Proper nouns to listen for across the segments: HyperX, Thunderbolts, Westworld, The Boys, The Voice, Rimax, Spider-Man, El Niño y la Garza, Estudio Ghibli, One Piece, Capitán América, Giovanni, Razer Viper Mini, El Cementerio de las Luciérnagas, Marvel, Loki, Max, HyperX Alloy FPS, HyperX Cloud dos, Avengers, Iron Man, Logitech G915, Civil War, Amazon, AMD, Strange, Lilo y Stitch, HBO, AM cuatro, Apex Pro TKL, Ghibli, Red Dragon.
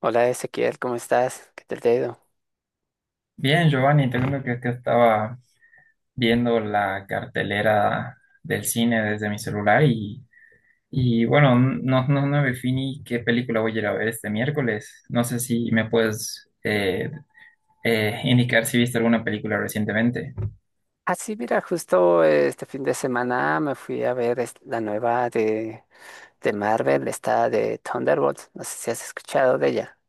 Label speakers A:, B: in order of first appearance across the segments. A: Hola Ezequiel, ¿cómo estás? ¿Qué tal te ha ido?
B: Bien, Giovanni, te cuento que es que estaba viendo la cartelera del cine desde mi celular y bueno, no definí qué película voy a ir a ver este miércoles. No sé si me puedes indicar si viste alguna película recientemente.
A: Ah, sí, mira, justo este fin de semana me fui a ver la nueva de Marvel, esta de Thunderbolts. No sé si has escuchado de ella.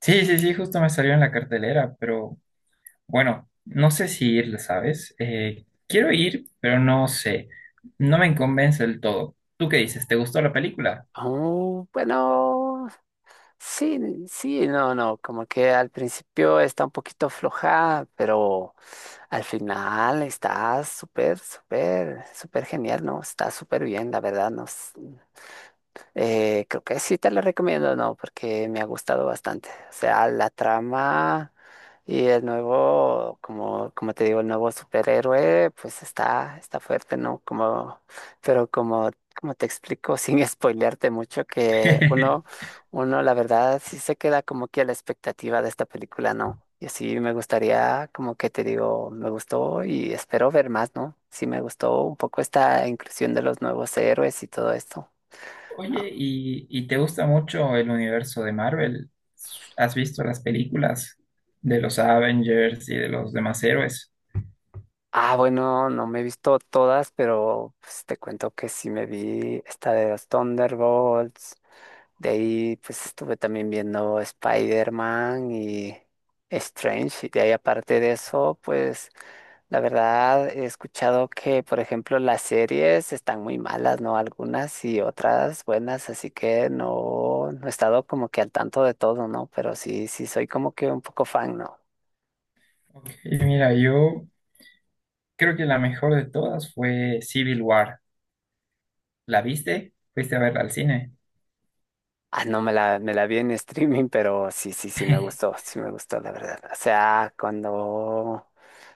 B: Sí, sí, sí, justo me salió en la cartelera, pero bueno, no sé si ir, ¿sabes? Quiero ir, pero no sé. No me convence del todo. ¿Tú qué dices? ¿Te gustó la película?
A: Oh, bueno, sí, sí, no, no, como que al principio está un poquito floja, pero al final está súper, súper, súper genial, ¿no? Está súper bien, la verdad, no, creo que sí te la recomiendo, ¿no? Porque me ha gustado bastante. O sea, la trama y el nuevo, como, como te digo, el nuevo superhéroe, pues está, está fuerte, ¿no? Como, pero como, como te explico, sin spoilearte mucho, que uno, uno, la verdad, sí se queda como que a la expectativa de esta película, ¿no? Y así me gustaría, como que te digo, me gustó y espero ver más, ¿no? Sí me gustó un poco esta inclusión de los nuevos héroes y todo esto.
B: Oye, ¿y te gusta mucho el universo de Marvel? ¿Has visto las películas de los Avengers y de los demás héroes?
A: Ah, bueno, no me he visto todas, pero pues, te cuento que sí me vi esta de los Thunderbolts. De ahí, pues estuve también viendo Spider-Man y Strange. Y de ahí, aparte de eso, pues la verdad he escuchado que, por ejemplo, las series están muy malas, ¿no? Algunas y otras buenas, así que no, no he estado como que al tanto de todo, ¿no? Pero sí, sí soy como que un poco fan, ¿no?
B: Ok, mira, yo creo que la mejor de todas fue Civil War. ¿La viste? ¿Fuiste a verla al cine?
A: Ah, no, me la vi en streaming, pero sí, sí, sí me gustó, la verdad. O sea, cuando, o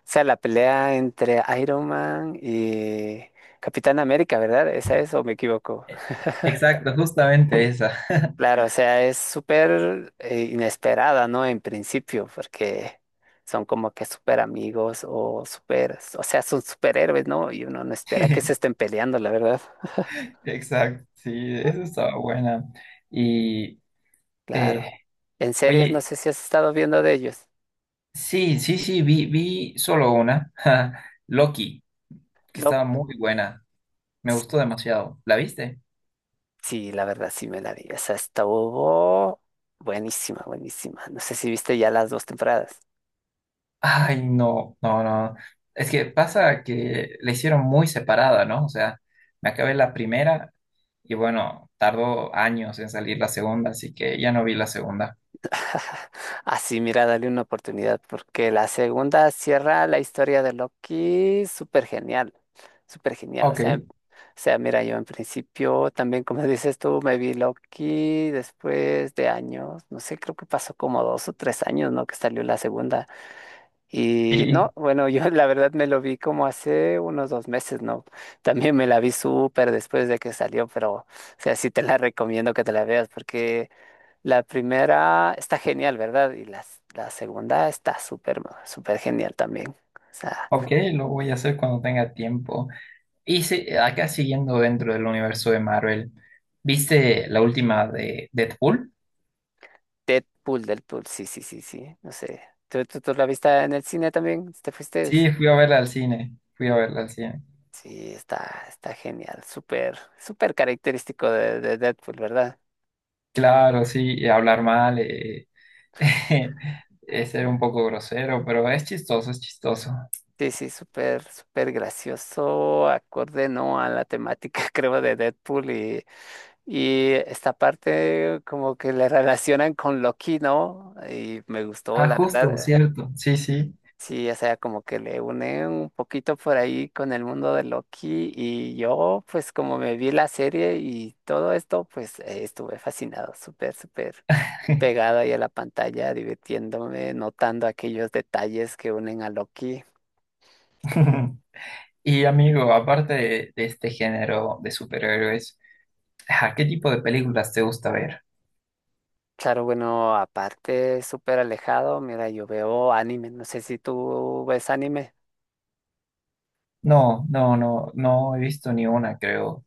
A: sea, la pelea entre Iron Man y Capitán América, ¿verdad? ¿Esa es o me equivoco?
B: Exacto, justamente esa.
A: Claro, o sea, es súper inesperada, ¿no? En principio, porque son como que súper amigos o súper, o sea, son superhéroes, ¿no? Y uno no espera que se estén peleando, la verdad.
B: Exacto, sí, eso estaba buena. Y,
A: Claro.
B: eh,
A: En series, no
B: oye,
A: sé si has estado viendo de ellos.
B: sí, sí, sí, vi solo una, Loki, que
A: No.
B: estaba muy buena. Me gustó demasiado. ¿La viste?
A: Sí, la verdad sí me la vi. Esa estuvo buenísima, buenísima. No sé si viste ya las dos temporadas.
B: Ay, no, no, no. Es que pasa que la hicieron muy separada, ¿no? O sea, me acabé la primera y bueno, tardó años en salir la segunda, así que ya no vi la segunda.
A: Así, mira, dale una oportunidad porque la segunda cierra la historia de Loki súper genial, súper genial. O
B: Ok.
A: sea, o sea, mira, yo en principio también, como dices tú, me vi Loki después de años, no sé, creo que pasó como dos o tres años, ¿no? Que salió la segunda. Y
B: Y,
A: no, bueno, yo la verdad me lo vi como hace unos dos meses, ¿no? También me la vi súper después de que salió, pero, o sea, sí te la recomiendo que te la veas porque la primera está genial, ¿verdad? Y la segunda está súper, súper genial también. O sea,
B: ok, lo voy a hacer cuando tenga tiempo. Y sí, acá siguiendo dentro del universo de Marvel, ¿viste la última de Deadpool?
A: Deadpool, Deadpool, sí, sí, sí, sí, no sé. ¿Tú la viste en el cine también? ¿Te fuiste?
B: Sí, fui a verla al cine, fui a verla al cine.
A: Sí, está, está genial, súper, súper característico de Deadpool, ¿verdad?
B: Claro, sí, y hablar mal, Es ser un poco grosero, pero es chistoso, es chistoso.
A: Sí, sí, súper, súper gracioso, acorde, ¿no? A la temática, creo, de Deadpool y esta parte como que le relacionan con Loki, ¿no? Y me gustó,
B: Ah,
A: la
B: justo,
A: verdad.
B: cierto. Sí, sí.
A: Sí, o sea, como que le une un poquito por ahí con el mundo de Loki y yo, pues como me vi la serie y todo esto, pues estuve fascinado, súper, súper pegado ahí a la pantalla, divirtiéndome, notando aquellos detalles que unen a Loki.
B: Y amigo, aparte de este género de superhéroes, ¿a qué tipo de películas te gusta ver?
A: Claro, bueno, aparte súper alejado, mira, yo veo anime, no sé si tú ves anime.
B: No, no, no, no he visto ni una, creo.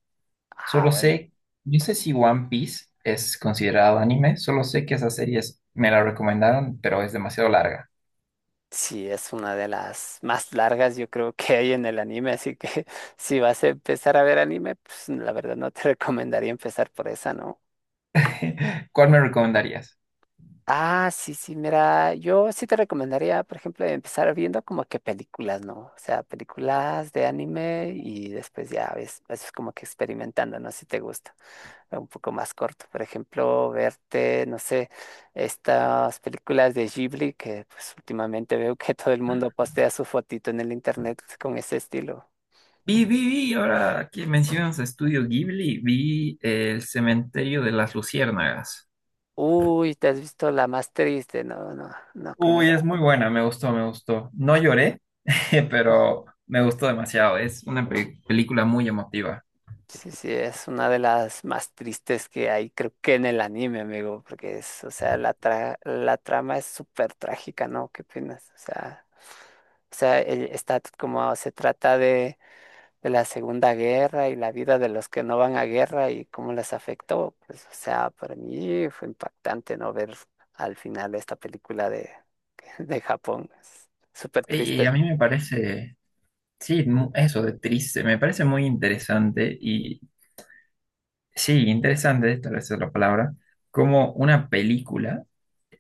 A: Ah,
B: Solo
A: bueno,
B: sé, no sé si One Piece es considerado anime, solo sé que esa serie es- me la recomendaron, pero es demasiado larga.
A: sí, es una de las más largas yo creo que hay en el anime, así que si vas a empezar a ver anime, pues la verdad no te recomendaría empezar por esa, ¿no?
B: ¿Cuál me recomendarías?
A: Ah, sí, sí, mira, yo sí te recomendaría, por ejemplo, empezar viendo como que películas, ¿no? O sea, películas de anime y después ya ves, es como que experimentando, ¿no? Si te gusta. Un poco más corto. Por ejemplo, verte, no sé, estas películas de Ghibli que pues últimamente veo que todo el mundo postea su fotito en el internet con ese estilo.
B: Ahora que mencionas Estudio Ghibli, vi El Cementerio de las Luciérnagas.
A: Uy, te has visto la más triste, no, no, no con
B: Uy,
A: esta.
B: es muy buena, me gustó, me gustó. No lloré, pero me gustó demasiado. Es una pe- película muy emotiva.
A: Sí, sí, es una de las más tristes que hay, creo que en el anime, amigo, porque es, o sea, la trama es súper trágica, ¿no? ¿Qué opinas? O sea, está como se trata de la Segunda Guerra y la vida de los que no van a guerra y cómo les afectó. Pues, o sea, para mí fue impactante no ver al final esta película de, de Japón. Es súper
B: Y, y a
A: triste.
B: mí me parece, sí, mu- eso de triste, me parece muy sí, interesante, tal vez es la palabra, como una película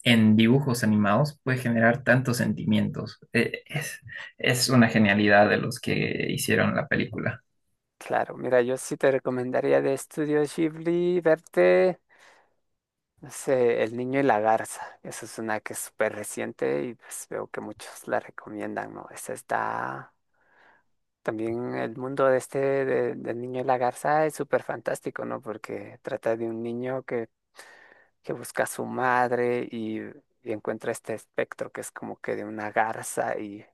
B: en dibujos animados puede generar tantos sentimientos. Es una genialidad de los que hicieron la película.
A: Claro, mira, yo sí te recomendaría de Estudio Ghibli verte, no sé, El Niño y la Garza. Esa es una que es súper reciente y pues veo que muchos la recomiendan, ¿no? Esa está... También el mundo de este del niño y la garza es súper fantástico, ¿no? Porque trata de un niño que busca a su madre y encuentra este espectro que es como que de una garza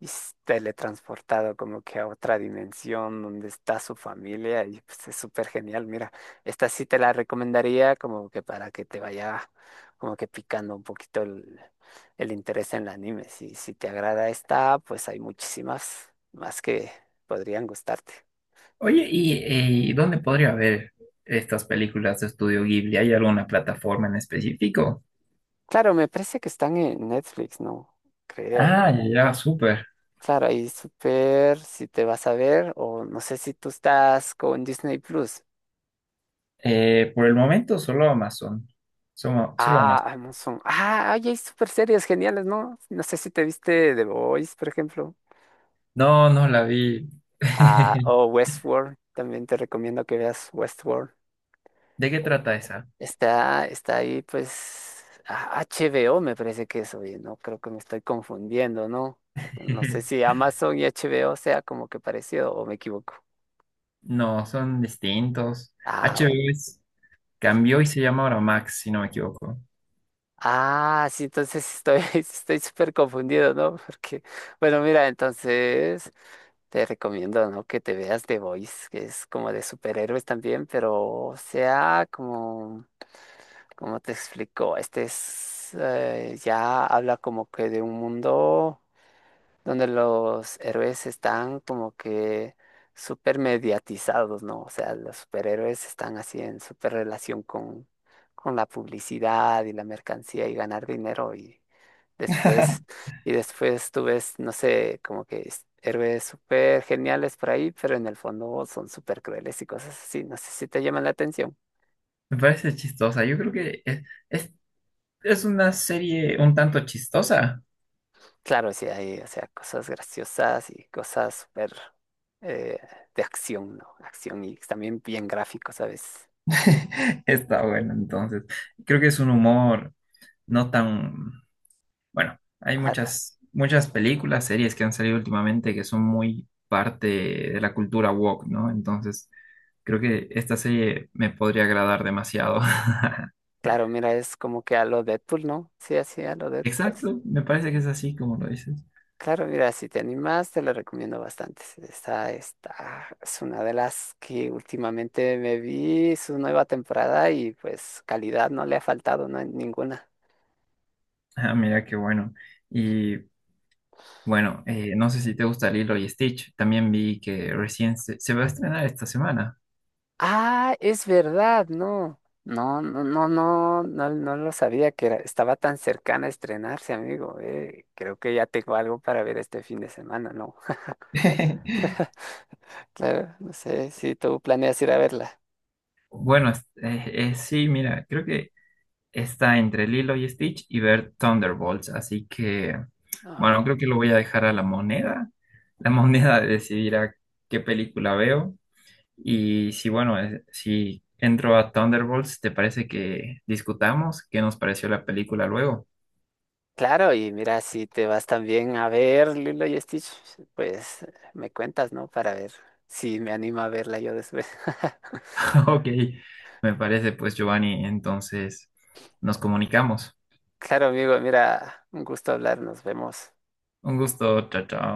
A: y es teletransportado como que a otra dimensión donde está su familia y pues es súper genial. Mira, esta sí te la recomendaría como que para que te vaya como que picando un poquito el interés en el anime. Si, si te agrada esta, pues hay muchísimas más que podrían gustarte.
B: Oye, ¿y dónde podría ver estas películas de Estudio Ghibli? ¿Hay alguna plataforma en específico?
A: Claro, me parece que están en Netflix, ¿no? Creo.
B: Ah, ya, ya, súper.
A: Claro, ahí súper, si te vas a ver, o no sé si tú estás con Disney Plus.
B: Por el momento solo Amazon. Solo, solo
A: Ah,
B: Amazon.
A: Amazon. Ah, ay, hay súper series geniales, ¿no? No sé si te viste The Boys, por ejemplo.
B: No, no la vi.
A: Ah, o Westworld. También te recomiendo que veas Westworld.
B: ¿De qué
A: Oh.
B: trata esa?
A: Está, está ahí, pues, ah, HBO me parece que es, oye, no creo que me estoy confundiendo, ¿no? No sé si Amazon y HBO sea como que parecido o me equivoco.
B: No, son distintos.
A: Ah, bueno.
B: HBO es- cambió y se llama ahora Max, si no me equivoco.
A: Ah, sí, entonces sí estoy, estoy súper confundido, ¿no? Porque, bueno, mira, entonces te recomiendo, ¿no? Que te veas The Voice, que es como de superhéroes también, pero sea como, como te explico, este es, ya habla como que de un mundo donde los héroes están como que súper mediatizados, ¿no? O sea, los superhéroes están así en súper relación con la publicidad y la mercancía y ganar dinero después, y después tú ves, no sé, como que héroes súper geniales por ahí, pero en el fondo son súper crueles y cosas así. No sé si te llaman la atención.
B: Me parece chistosa. Yo creo que es- es una serie un tanto chistosa.
A: Claro, sí, hay, o sea, cosas graciosas y cosas súper eh, de acción, ¿no? Acción y también bien gráfico, ¿sabes?
B: Está bueno, entonces. Creo que es un humor no tan... Bueno, hay
A: Ah,
B: muchas, muchas películas, series que han salido últimamente que son muy parte de la cultura woke, ¿no? Entonces, creo que esta serie me podría agradar demasiado.
A: claro, mira, es como que a lo Deadpool, ¿no? Sí, así a lo Deadpool.
B: Exacto,
A: Sí.
B: me parece que es
A: Ujú.
B: así como lo dices.
A: Claro, mira, si te animas, te lo recomiendo bastante. Esta es una de las que últimamente me vi, su nueva temporada y pues calidad no le ha faltado, ¿no? En ninguna.
B: Ah, mira qué bueno. y Bueno, no sé si te gusta Lilo y Stitch. También vi que recién se va a estrenar esta semana.
A: Ah, es verdad, no. No, no, no, no, no, no lo sabía que estaba tan cercana a estrenarse, amigo. Eh, creo que ya tengo algo para ver este fin de semana, ¿no? Claro, no sé si tú planeas ir a verla.
B: Bueno, es- sí, mira, creo que está entre Lilo y Stitch y ver Thunderbolts. Así que,
A: No,
B: bueno, creo que lo voy a dejar a la moneda. La moneda decidirá qué película veo. Y si, bueno, si entro a Thunderbolts, ¿te parece que discutamos qué nos pareció la película luego?
A: claro, y mira, si te vas también a ver Lilo y Stitch, pues me cuentas, ¿no? Para ver si me animo a verla yo después.
B: Ok, me parece pues Giovanni, entonces nos comunicamos.
A: Claro, amigo, mira, un gusto hablar, nos vemos.
B: Un gusto, chao, chao.